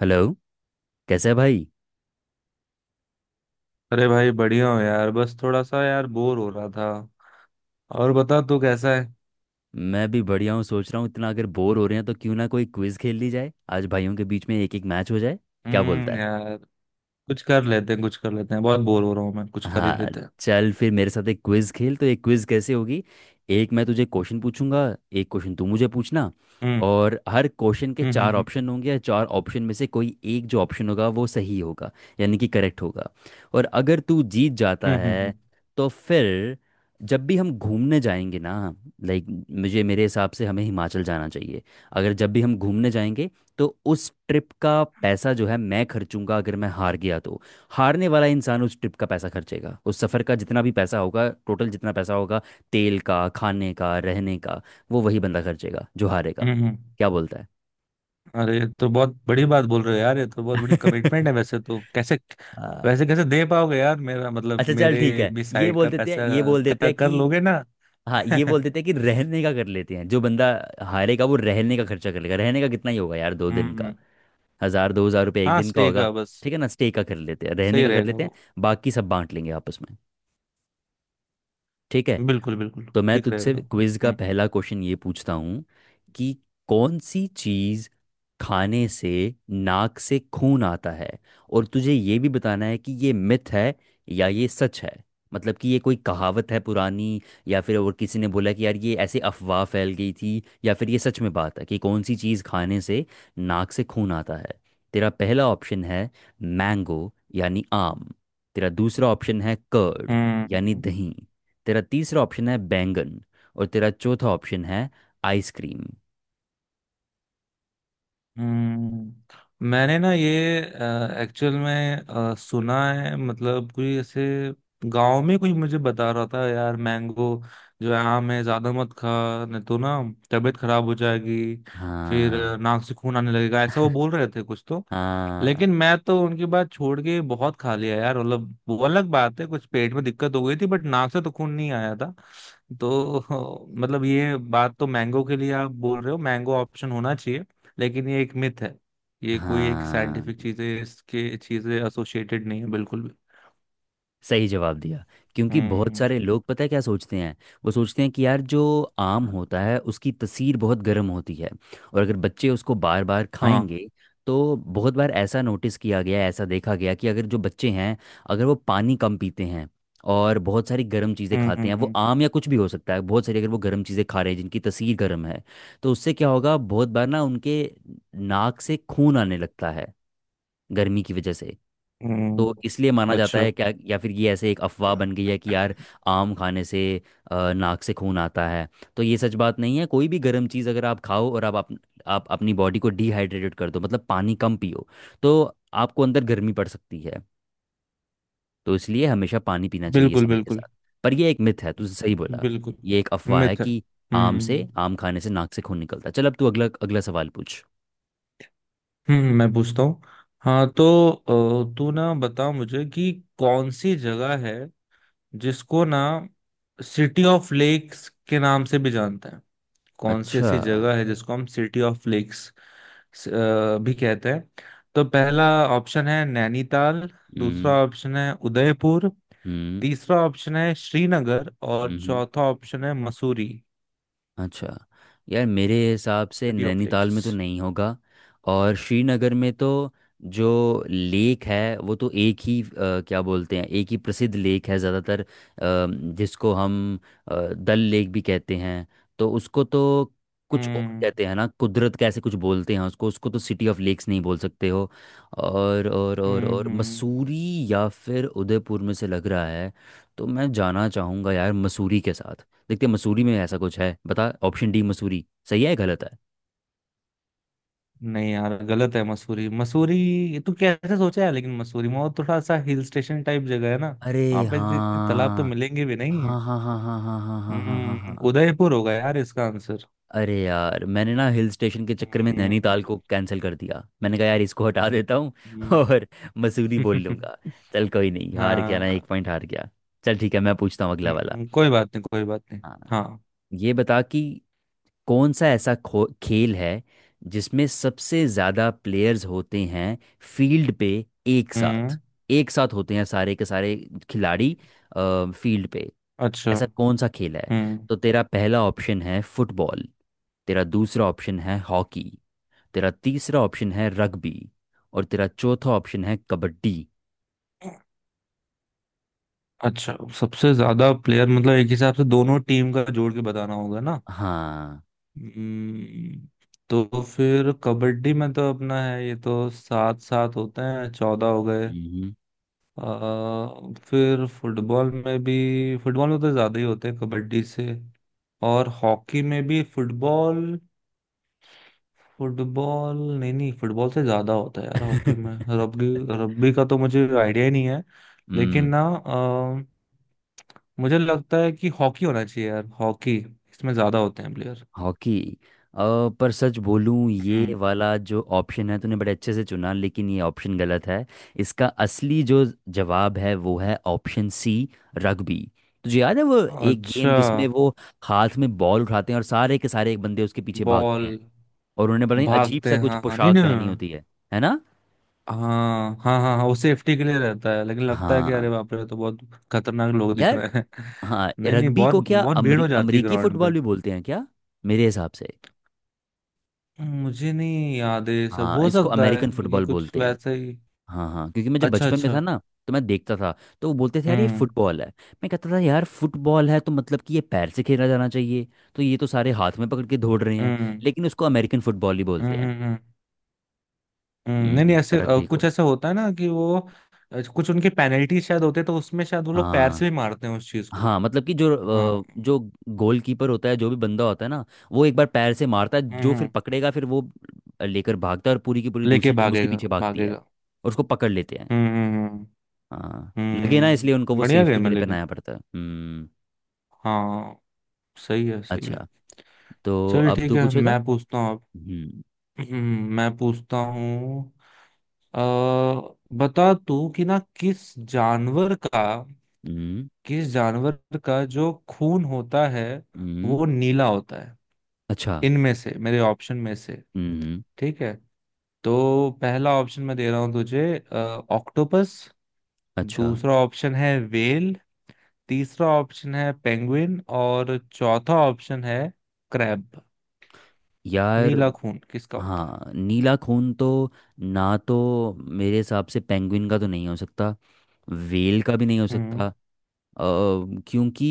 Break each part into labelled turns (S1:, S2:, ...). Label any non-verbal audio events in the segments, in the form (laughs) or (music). S1: Hello. कैसे है भाई?
S2: अरे भाई बढ़िया हो यार। बस थोड़ा सा यार बोर हो रहा था। और बता तू कैसा है।
S1: मैं भी बढ़िया हूँ। सोच रहा हूँ इतना अगर बोर हो रहे हैं तो क्यों ना कोई क्विज खेल ली जाए, आज भाइयों के बीच में एक एक मैच हो जाए। क्या बोलता है?
S2: यार। कुछ कर लेते हैं। बहुत बोर हो रहा हूँ मैं। कुछ कर ही
S1: हाँ।
S2: लेते हैं।
S1: चल फिर मेरे साथ एक क्विज खेल। तो एक क्विज कैसे होगी, एक मैं तुझे क्वेश्चन पूछूंगा, एक क्वेश्चन तू मुझे पूछना।
S2: हम्म
S1: और हर क्वेश्चन के
S2: हम्म
S1: चार
S2: हम्म
S1: ऑप्शन होंगे, या चार ऑप्शन में से कोई एक जो ऑप्शन होगा वो सही होगा, यानी कि करेक्ट होगा। और अगर तू जीत जाता
S2: हम्म हम्म हम्म
S1: है, तो फिर जब भी हम घूमने जाएंगे ना, लाइक मुझे, मेरे हिसाब से हमें हिमाचल जाना चाहिए, अगर जब भी हम घूमने जाएंगे, तो उस ट्रिप का पैसा जो है मैं खर्चूंगा, अगर मैं हार गया तो। हारने वाला इंसान उस ट्रिप का पैसा खर्चेगा, उस सफ़र का जितना भी पैसा होगा, टोटल जितना पैसा होगा, तेल का, खाने का, रहने का, वो वही बंदा खर्चेगा जो हारेगा।
S2: हम्म।
S1: क्या बोलता है?
S2: अरे ये तो बहुत बड़ी बात बोल रहे हो यार। ये तो बहुत बड़ी कमिटमेंट है
S1: (laughs)
S2: वैसे तो। कैसे
S1: हाँ।
S2: वैसे कैसे दे पाओगे यार? मेरा मतलब
S1: अच्छा चल
S2: मेरे
S1: ठीक है,
S2: भी
S1: ये
S2: साइड
S1: बोल
S2: का
S1: देते हैं
S2: पैसा,
S1: ये बोल देते
S2: कर,
S1: हैं
S2: कर
S1: कि
S2: लोगे ना?
S1: हाँ, ये
S2: (laughs)
S1: बोल देते हैं कि रहने का कर लेते हैं। जो बंदा हारेगा वो रहने का खर्चा कर लेगा। रहने का कितना ही होगा यार, दो दिन का
S2: हम्म।
S1: हज़ार दो हज़ार रुपये एक
S2: हाँ,
S1: दिन का
S2: स्टे
S1: होगा।
S2: का बस।
S1: ठीक है ना, स्टे का कर लेते हैं, रहने
S2: सही
S1: का कर
S2: रहेगा
S1: लेते हैं।
S2: वो।
S1: बाकी सब बांट लेंगे आपस में। ठीक है।
S2: बिल्कुल बिल्कुल।
S1: तो मैं
S2: ठीक
S1: तुझसे
S2: रहेगा।
S1: क्विज का
S2: हम्म
S1: पहला क्वेश्चन ये पूछता हूँ कि कौन सी चीज़ खाने से नाक से खून आता है? और तुझे ये भी बताना है कि ये मिथ है या ये सच है। मतलब कि ये कोई कहावत है पुरानी, या फिर और किसी ने बोला कि यार ये ऐसे अफवाह फैल गई थी, या फिर ये सच में बात है कि कौन सी चीज़ खाने से नाक से खून आता है। तेरा पहला ऑप्शन है मैंगो, यानी आम। तेरा दूसरा ऑप्शन है कर्ड,
S2: हम्म
S1: यानी
S2: हम्म।
S1: दही। तेरा तीसरा ऑप्शन है बैंगन। और तेरा चौथा ऑप्शन है आइसक्रीम।
S2: हम्म, मैंने ना ये एक्चुअल में सुना है। मतलब कोई ऐसे गांव में कोई मुझे बता रहा था यार, मैंगो जो है आम है ज्यादा मत खा, नहीं तो ना तबीयत खराब हो जाएगी। फिर
S1: हाँ,
S2: नाक से खून आने लगेगा ऐसा वो बोल रहे थे कुछ तो।
S1: हाँ,
S2: लेकिन मैं तो उनकी बात छोड़ के बहुत खा लिया यार। मतलब वो अलग बात है, कुछ पेट में दिक्कत हो गई थी, बट नाक से तो खून नहीं आया था तो (laughs) मतलब ये बात तो मैंगो के लिए आप बोल रहे हो, मैंगो ऑप्शन होना चाहिए। लेकिन ये एक मिथ है। ये कोई एक
S1: हाँ,
S2: साइंटिफिक चीजें इसके चीजें एसोसिएटेड नहीं है बिल्कुल भी।
S1: सही जवाब दिया। क्योंकि बहुत
S2: हम्म।
S1: सारे लोग पता है क्या सोचते हैं, वो सोचते हैं कि यार जो आम होता है उसकी तसीर बहुत गर्म होती है, और अगर बच्चे उसको बार बार
S2: हाँ।
S1: खाएंगे तो बहुत बार ऐसा नोटिस किया गया, ऐसा देखा गया कि अगर जो बच्चे हैं, अगर वो पानी कम पीते हैं और बहुत सारी गर्म चीज़ें
S2: हम्म
S1: खाते
S2: हम्म
S1: हैं, वो
S2: हम्म
S1: आम या कुछ भी हो सकता है, बहुत सारी अगर वो गर्म चीज़ें खा रहे हैं जिनकी तसीर गर्म है, तो उससे क्या होगा, बहुत बार ना उनके नाक से खून आने लगता है, गर्मी की वजह से। तो
S2: हम्म।
S1: इसलिए माना जाता
S2: अच्छा।
S1: है क्या, या फिर ये ऐसे एक अफवाह बन गई है कि यार आम खाने से नाक से खून आता है। तो ये सच बात नहीं है। कोई भी गर्म चीज़ अगर आप खाओ, और आप अपनी बॉडी को डिहाइड्रेटेड कर दो, मतलब पानी कम पियो, तो आपको अंदर गर्मी पड़ सकती है। तो इसलिए हमेशा पानी पीना चाहिए
S2: बिल्कुल
S1: समय के
S2: बिल्कुल।
S1: साथ। पर ये एक मिथ है, तू सही बोला।
S2: बिल्कुल
S1: ये एक अफवाह है
S2: मिथ है।
S1: कि
S2: हम्म।
S1: आम खाने से नाक से खून निकलता है। चल अब तू अगला अगला सवाल पूछ।
S2: हम्म, मैं पूछता हूँ। हाँ तो तू ना बता मुझे कि कौन सी जगह है जिसको ना सिटी ऑफ लेक्स के नाम से भी जानते हैं। कौन सी
S1: अच्छा।
S2: ऐसी जगह है जिसको हम सिटी ऑफ लेक्स भी कहते हैं? तो पहला ऑप्शन है नैनीताल, दूसरा
S1: हम्म,
S2: ऑप्शन है उदयपुर,
S1: हम्म,
S2: तीसरा ऑप्शन है श्रीनगर, और
S1: हम्म,
S2: चौथा ऑप्शन है मसूरी।
S1: अच्छा, यार मेरे हिसाब से
S2: सिटी ऑफ
S1: नैनीताल
S2: लेक्स।
S1: में तो नहीं होगा, और श्रीनगर में तो जो लेक है वो तो एक ही, क्या बोलते हैं, एक ही प्रसिद्ध लेक है ज़्यादातर, जिसको हम डल लेक भी कहते हैं। तो उसको तो कुछ और
S2: हम्म
S1: कहते हैं ना, कुदरत, कैसे कुछ बोलते हैं उसको उसको तो सिटी ऑफ लेक्स नहीं बोल सकते हो। और और और
S2: हम्म
S1: और
S2: हम्म
S1: मसूरी या फिर उदयपुर में से लग रहा है। तो मैं जाना चाहूँगा यार मसूरी के साथ। देखते हैं मसूरी में ऐसा कुछ है, बता, ऑप्शन डी मसूरी सही है या गलत है?
S2: नहीं यार, गलत है। मसूरी मसूरी तू कैसे सोचा है? लेकिन मसूरी में वो थोड़ा सा हिल स्टेशन टाइप जगह है ना,
S1: अरे,
S2: वहां पे इतने तालाब तो
S1: हाँ,
S2: मिलेंगे भी नहीं है।
S1: हाँ, हाँ, हाँ, हाँ, हाँ, हाँ, हाँ, हाँ, हाँ, हाँ,
S2: हम्म,
S1: हाँ।
S2: उदयपुर होगा यार इसका आंसर।
S1: अरे यार, मैंने ना हिल स्टेशन के चक्कर में
S2: हम्म
S1: नैनीताल को कैंसिल कर दिया, मैंने कहा यार इसको हटा देता हूँ (laughs)
S2: हम्म।
S1: और मसूरी बोल लूंगा।
S2: (laughs)
S1: चल कोई नहीं, हार गया ना,
S2: हाँ।
S1: एक पॉइंट हार गया। चल ठीक है, मैं पूछता हूँ अगला वाला।
S2: कोई बात नहीं कोई बात नहीं।
S1: हाँ।
S2: हाँ।
S1: ये बता कि कौन सा ऐसा खो खेल है जिसमें सबसे ज़्यादा प्लेयर्स होते हैं, फील्ड पे एक
S2: हम्म।
S1: साथ, एक साथ होते हैं सारे के सारे खिलाड़ी फील्ड पे।
S2: अच्छा।
S1: ऐसा कौन सा खेल है?
S2: हम्म।
S1: तो तेरा पहला ऑप्शन है फुटबॉल, तेरा दूसरा ऑप्शन है हॉकी, तेरा तीसरा ऑप्शन है रग्बी, और तेरा चौथा ऑप्शन है कबड्डी।
S2: अच्छा, सबसे ज्यादा प्लेयर मतलब एक हिसाब से दोनों टीम का जोड़ के बताना होगा ना?
S1: हाँ।
S2: हम्म, तो फिर कबड्डी में तो अपना है, ये तो सात सात होते हैं, चौदह हो गए।
S1: हम्म।
S2: आ, फिर फुटबॉल में भी, फुटबॉल में तो ज्यादा ही होते हैं कबड्डी से। और हॉकी में भी फुटबॉल फुटबॉल नहीं नहीं, फुटबॉल से ज्यादा होता है यार हॉकी में।
S1: (laughs)
S2: रग्बी, रग्बी का तो मुझे आइडिया ही नहीं है। लेकिन ना मुझे लगता है कि हॉकी होना चाहिए यार, हॉकी। इसमें ज्यादा होते हैं प्लेयर।
S1: हॉकी, अ, पर सच बोलूं, ये
S2: हम्म।
S1: वाला जो ऑप्शन है तूने बड़े अच्छे से चुना, लेकिन ये ऑप्शन गलत है। इसका असली जो जवाब है वो है ऑप्शन सी, रग्बी। तुझे याद है वो एक गेम
S2: अच्छा।
S1: जिसमें वो हाथ में बॉल उठाते हैं और सारे के सारे एक बंदे उसके पीछे भागते
S2: बॉल
S1: हैं, और उन्होंने बड़ा ही अजीब
S2: भागते
S1: सा
S2: हैं,
S1: कुछ
S2: हाँ हाँ, नहीं
S1: पोशाक
S2: नहीं
S1: पहनी
S2: नहीं,
S1: होती है ना?
S2: हाँ हाँ हाँ हाँ। वो सेफ्टी के लिए रहता है, लेकिन लगता है कि
S1: हाँ।
S2: अरे बाप रे तो बहुत खतरनाक लोग दिख
S1: यार
S2: रहे हैं
S1: हाँ,
S2: (laughs) नहीं नहीं,
S1: रग्बी
S2: बहुत
S1: को क्या
S2: बहुत भीड़ हो जाती है
S1: अमरीकी
S2: ग्राउंड
S1: फुटबॉल
S2: पे।
S1: भी बोलते हैं क्या? मेरे हिसाब से
S2: मुझे नहीं याद है ये सब,
S1: हाँ,
S2: हो
S1: इसको
S2: सकता है
S1: अमेरिकन
S2: क्योंकि
S1: फुटबॉल
S2: कुछ
S1: बोलते हैं।
S2: वैसे ही।
S1: हाँ हाँ, क्योंकि मैं जब
S2: अच्छा
S1: बचपन में था
S2: अच्छा।
S1: ना, तो मैं देखता था, तो वो बोलते थे यार ये
S2: हम्म
S1: फुटबॉल है। मैं कहता था यार फुटबॉल है तो मतलब कि ये पैर से खेला जाना चाहिए, तो ये तो सारे हाथ में पकड़ के दौड़ रहे हैं।
S2: हम्म
S1: लेकिन उसको अमेरिकन फुटबॉल ही
S2: हम्म
S1: बोलते हैं।
S2: हम्म हम्म, हम्म। नहीं नहीं, ऐसे
S1: रग्बी को।
S2: कुछ ऐसा होता है ना कि वो कुछ उनकी पेनल्टी शायद होते, तो उसमें शायद वो लोग पैर से
S1: हाँ
S2: भी मारते हैं उस चीज को।
S1: हाँ, मतलब कि जो
S2: हाँ।
S1: अ, जो गोलकीपर होता है, जो भी बंदा होता है ना, वो एक बार पैर से मारता है, जो फिर
S2: हम्म।
S1: पकड़ेगा फिर वो लेकर भागता है, और पूरी की पूरी
S2: लेके
S1: दूसरी टीम उसके
S2: भागेगा
S1: पीछे भागती है
S2: भागेगा
S1: और उसको पकड़ लेते हैं।
S2: हम्म।
S1: हाँ, लगे ना, इसलिए उनको
S2: हम्म,
S1: वो
S2: बढ़िया
S1: सेफ्टी
S2: गेम
S1: के
S2: है
S1: लिए
S2: लेकिन।
S1: पहनाया पड़ता है। हम्म।
S2: हाँ सही है, सही है।
S1: अच्छा, तो
S2: चल
S1: अब
S2: ठीक
S1: तू
S2: है,
S1: पूछेगा।
S2: मैं पूछता हूँ अब।
S1: हम्म,
S2: मैं पूछता हूँ। अ, बता तू कि ना, किस जानवर का,
S1: हम्म,
S2: किस जानवर का जो खून होता है
S1: हम्म,
S2: वो नीला होता है?
S1: अच्छा,
S2: इनमें से मेरे ऑप्शन में से,
S1: हम्म,
S2: ठीक है? तो पहला ऑप्शन मैं दे रहा हूँ तुझे, ऑक्टोपस।
S1: अच्छा।
S2: दूसरा ऑप्शन है व्हेल। तीसरा ऑप्शन है पेंगुइन, और चौथा ऑप्शन है क्रैब।
S1: यार
S2: नीला खून किसका होता है?
S1: हाँ, नीला खून तो, ना तो मेरे हिसाब से पेंगुइन का तो नहीं हो सकता, वेल का भी नहीं हो
S2: हम्म।
S1: सकता। अ, क्योंकि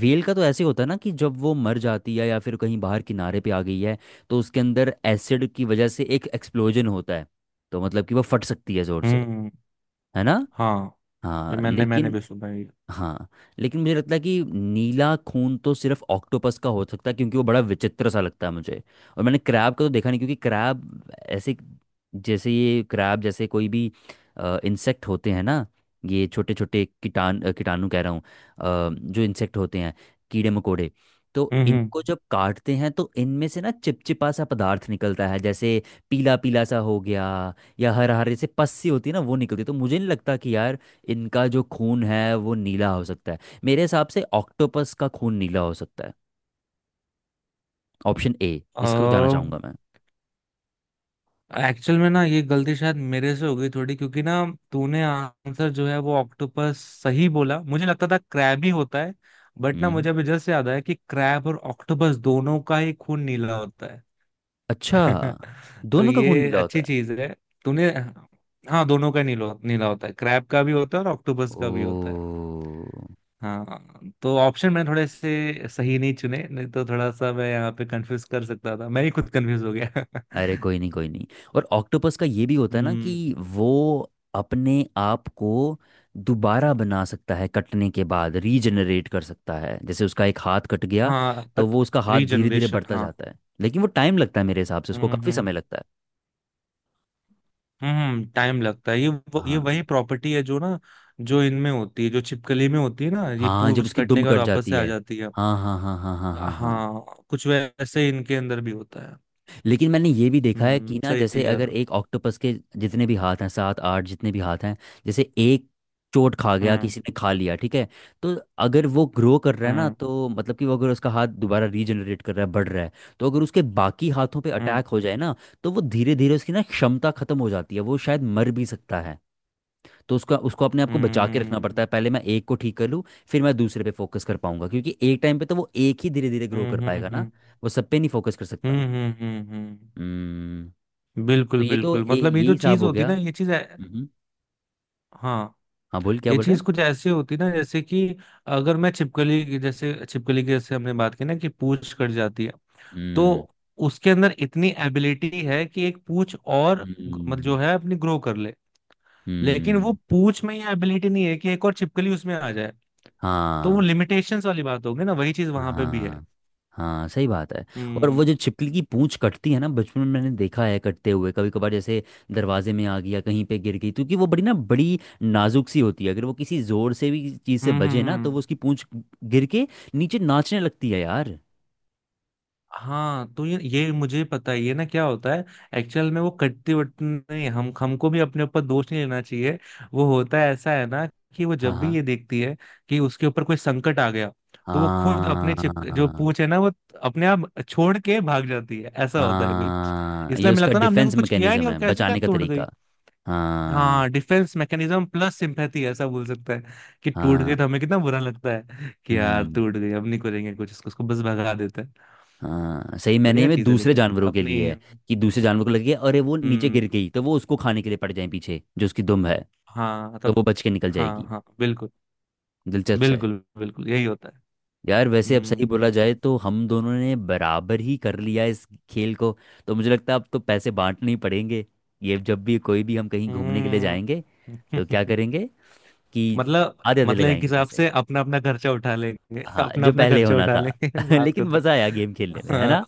S1: वेल का तो ऐसे होता है ना कि जब वो मर जाती है या फिर कहीं बाहर किनारे पे आ गई है, तो उसके अंदर एसिड की वजह से एक एक्सप्लोजन होता है, तो मतलब कि वो फट सकती है जोर से,
S2: हम्म।
S1: है ना?
S2: हाँ, ये
S1: हाँ।
S2: मैंने मैंने भी सुना है।
S1: हाँ लेकिन मुझे लगता है कि नीला खून तो सिर्फ ऑक्टोपस का हो सकता है, क्योंकि वो बड़ा विचित्र सा लगता है मुझे। और मैंने क्रैब का तो देखा नहीं, क्योंकि क्रैब ऐसे, जैसे ये क्रैब, जैसे कोई भी इंसेक्ट होते हैं ना, ये छोटे छोटे कीटाणु कह रहा हूँ, जो इंसेक्ट होते हैं, कीड़े मकोड़े, तो
S2: हम्म।
S1: इनको जब काटते हैं तो इनमें से ना चिपचिपा सा पदार्थ निकलता है, जैसे पीला पीला सा हो गया या हरे हरे से पस्सी होती है ना, वो निकलती है। तो मुझे नहीं लगता कि यार इनका जो खून है वो नीला हो सकता है। मेरे हिसाब से ऑक्टोपस का खून नीला हो सकता है, ऑप्शन ए, इसको जाना चाहूंगा मैं।
S2: एक्चुअल में ना ये गलती शायद मेरे से हो गई थोड़ी क्योंकि ना, तूने आंसर जो है वो ऑक्टोपस सही बोला। मुझे लगता था क्रैब ही होता है, बट ना
S1: हम्म।
S2: मुझे अभी जस्ट याद आया कि क्रैब और ऑक्टोपस दोनों का ही खून नीला होता
S1: अच्छा,
S2: है (laughs) तो
S1: दोनों का खून
S2: ये
S1: नीला होता
S2: अच्छी
S1: है?
S2: चीज है तूने। हाँ दोनों का नीला, नीला होता है, क्रैब का भी होता है और ऑक्टोपस का भी होता है।
S1: ओ।
S2: हाँ तो ऑप्शन मैं थोड़े से सही नहीं चुने, नहीं तो थोड़ा सा मैं यहाँ पे कंफ्यूज कर सकता था। मैं ही खुद कंफ्यूज हो गया
S1: अरे
S2: (laughs)
S1: कोई नहीं कोई नहीं। और ऑक्टोपस का ये भी होता है ना
S2: हम्म।
S1: कि वो अपने आप को दोबारा बना सकता है, कटने के बाद रीजनरेट कर सकता है। जैसे उसका एक हाथ कट गया
S2: हाँ,
S1: तो वो उसका हाथ धीरे धीरे
S2: रीजनरेशन,
S1: बढ़ता
S2: हाँ।
S1: जाता है, लेकिन वो टाइम लगता है, मेरे हिसाब से उसको काफ़ी
S2: हम्म।
S1: समय लगता है।
S2: हम्म, टाइम लगता है। ये
S1: हाँ।
S2: वही प्रॉपर्टी है जो ना, जो इनमें होती है, जो छिपकली में होती है ना, ये
S1: हाँ, जब
S2: पूंछ
S1: उसकी
S2: कटने
S1: दुम
S2: के बाद
S1: कट
S2: वापस
S1: जाती
S2: से आ
S1: है।
S2: जाती है।
S1: हाँ, हाँ, हाँ, हाँ, हाँ, हाँ, हाँ।
S2: हाँ कुछ वैसे ही इनके अंदर भी होता है।
S1: लेकिन मैंने ये भी देखा है
S2: हम्म,
S1: कि ना,
S2: सही
S1: जैसे
S2: कह रहा
S1: अगर
S2: हूँ।
S1: एक ऑक्टोपस के जितने भी हाथ हैं, 7-8 जितने भी हाथ हैं, जैसे एक चोट खा गया,
S2: हम्म
S1: किसी ने खा लिया, ठीक है, तो अगर वो ग्रो कर रहा है ना,
S2: हम्म
S1: तो मतलब कि वो अगर उसका हाथ दोबारा रीजनरेट कर रहा है, बढ़ रहा है, तो अगर उसके बाकी हाथों पे
S2: हम्म
S1: अटैक हो जाए ना, तो वो धीरे धीरे उसकी ना क्षमता खत्म हो जाती है, वो शायद मर भी सकता है। तो उसका उसको अपने आप को बचा के रखना
S2: हम्म
S1: पड़ता है, पहले मैं एक को ठीक कर लूँ, फिर मैं दूसरे पे फोकस कर पाऊंगा, क्योंकि एक टाइम पे तो वो एक ही धीरे धीरे ग्रो कर
S2: हम्म
S1: पाएगा ना,
S2: हम्म
S1: वो सब पे नहीं फोकस कर सकता।
S2: हम्म।
S1: हम्म। तो
S2: बिल्कुल
S1: ये तो
S2: बिल्कुल। मतलब ये
S1: यही
S2: जो
S1: हिसाब
S2: चीज
S1: हो
S2: होती
S1: गया।
S2: ना,
S1: हम्म।
S2: हाँ,
S1: हाँ बोल, क्या
S2: ये
S1: बोल रहा
S2: चीज
S1: है?
S2: कुछ ऐसे होती ना, जैसे कि अगर मैं जैसे छिपकली की, जैसे हमने बात की ना कि पूंछ कट जाती है, तो
S1: हम्म,
S2: उसके अंदर इतनी एबिलिटी है कि एक पूंछ और मतलब
S1: हम्म,
S2: जो है अपनी ग्रो कर ले। लेकिन वो
S1: हम्म।
S2: पूंछ में ये एबिलिटी नहीं है कि एक और छिपकली उसमें आ जाए। तो वो
S1: हाँ,
S2: लिमिटेशंस वाली बात होगी ना, वही चीज वहां पे भी है।
S1: हाँ, हाँ, सही बात है। और वो
S2: हम्म
S1: जो छिपकली की पूंछ कटती है ना, बचपन में मैंने देखा है कटते हुए, कभी कभार जैसे दरवाजे में आ गया, कहीं पे गिर गई, क्योंकि वो बड़ी ना, बड़ी नाजुक सी होती है, अगर वो किसी जोर से भी चीज़ से
S2: हम्म
S1: बजे
S2: हम्म
S1: ना, तो वो
S2: हम्म।
S1: उसकी पूंछ गिर के नीचे नाचने लगती है यार।
S2: हाँ तो ये मुझे पता ही है ना क्या होता है। एक्चुअल में वो कट्टी वट्टी नहीं, हम हमको भी अपने ऊपर दोष नहीं लेना चाहिए। वो होता है ऐसा है ना, कि वो
S1: हाँ,
S2: जब भी
S1: हाँ,
S2: ये देखती है कि उसके ऊपर कोई संकट आ गया, तो वो खुद अपने चिप जो
S1: हाँ,
S2: पूंछ है ना वो अपने आप छोड़ के भाग जाती है, ऐसा होता है कुछ।
S1: हाँ, ये
S2: इसलिए मिला
S1: उसका
S2: था ना, हमने को
S1: डिफेंस
S2: कुछ किया ही नहीं
S1: मैकेनिज्म
S2: और
S1: है,
S2: कैसे क्या
S1: बचाने का
S2: तोड़ गई।
S1: तरीका। हाँ,
S2: हाँ, डिफेंस मैकेनिज्म प्लस सिंपैथी ऐसा बोल सकता है, कि टूट
S1: हाँ,
S2: गए तो हमें कितना बुरा लगता है कि यार
S1: हम्म।
S2: टूट गए, अब नहीं करेंगे कुछ इसको, उसको बस भगा देते हैं।
S1: हाँ सही, मैंने में नहीं,
S2: बढ़िया
S1: मैं
S2: चीज है
S1: दूसरे
S2: लेकिन
S1: जानवरों के
S2: अपनी।
S1: लिए है, कि दूसरे जानवर को लगे अरे वो नीचे
S2: हम्म।
S1: गिर गई तो वो उसको खाने के लिए पड़ जाए पीछे, जो उसकी दुम है,
S2: हाँ
S1: तो
S2: तब।
S1: वो बच के निकल
S2: हाँ
S1: जाएगी।
S2: हाँ बिल्कुल।
S1: दिलचस्प है।
S2: बिल्कुल बिल्कुल यही होता है।
S1: यार वैसे अब सही
S2: हम्म।
S1: बोला जाए तो हम दोनों ने बराबर ही कर लिया इस खेल को। तो मुझे लगता है अब तो पैसे बांटने ही पड़ेंगे। ये जब भी कोई भी हम कहीं घूमने के लिए
S2: हम्म।
S1: जाएंगे, तो क्या
S2: (laughs)
S1: करेंगे कि
S2: मतलब
S1: आधे आधे
S2: मतलब एक
S1: लगाएंगे
S2: हिसाब
S1: पैसे,
S2: से अपना अपना खर्चा उठा लेंगे,
S1: हाँ,
S2: अपना
S1: जो
S2: अपना
S1: पहले
S2: खर्चा
S1: होना
S2: उठा
S1: था।
S2: लेंगे (laughs)
S1: (laughs)
S2: बात को
S1: लेकिन
S2: तो।
S1: मज़ा आया गेम खेलने में, है
S2: हाँ,
S1: ना?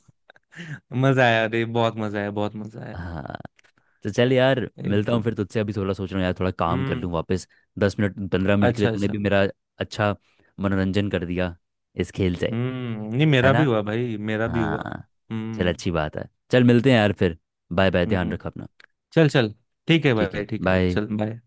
S2: मजा आया। अरे बहुत मजा आया, बहुत मजा आया।
S1: हाँ। तो चल यार, मिलता हूँ
S2: एकदम।
S1: फिर तुझसे, अभी थोड़ा सोच रहा हूँ यार, थोड़ा काम कर
S2: हम्म।
S1: लूँ वापस, 10 मिनट 15 मिनट के लिए।
S2: अच्छा
S1: तूने
S2: अच्छा।
S1: भी मेरा अच्छा मनोरंजन कर दिया इस खेल से,
S2: हम्म, नहीं,
S1: है
S2: मेरा भी
S1: ना?
S2: हुआ भाई, मेरा भी हुआ।
S1: हाँ। चल
S2: हम्म।
S1: अच्छी बात है, चल मिलते हैं यार फिर। बाय बाय, ध्यान
S2: हम्म।
S1: रख अपना।
S2: चल चल। ठीक है
S1: ठीक
S2: भाई,
S1: है,
S2: ठीक है,
S1: बाय।
S2: चल बाय।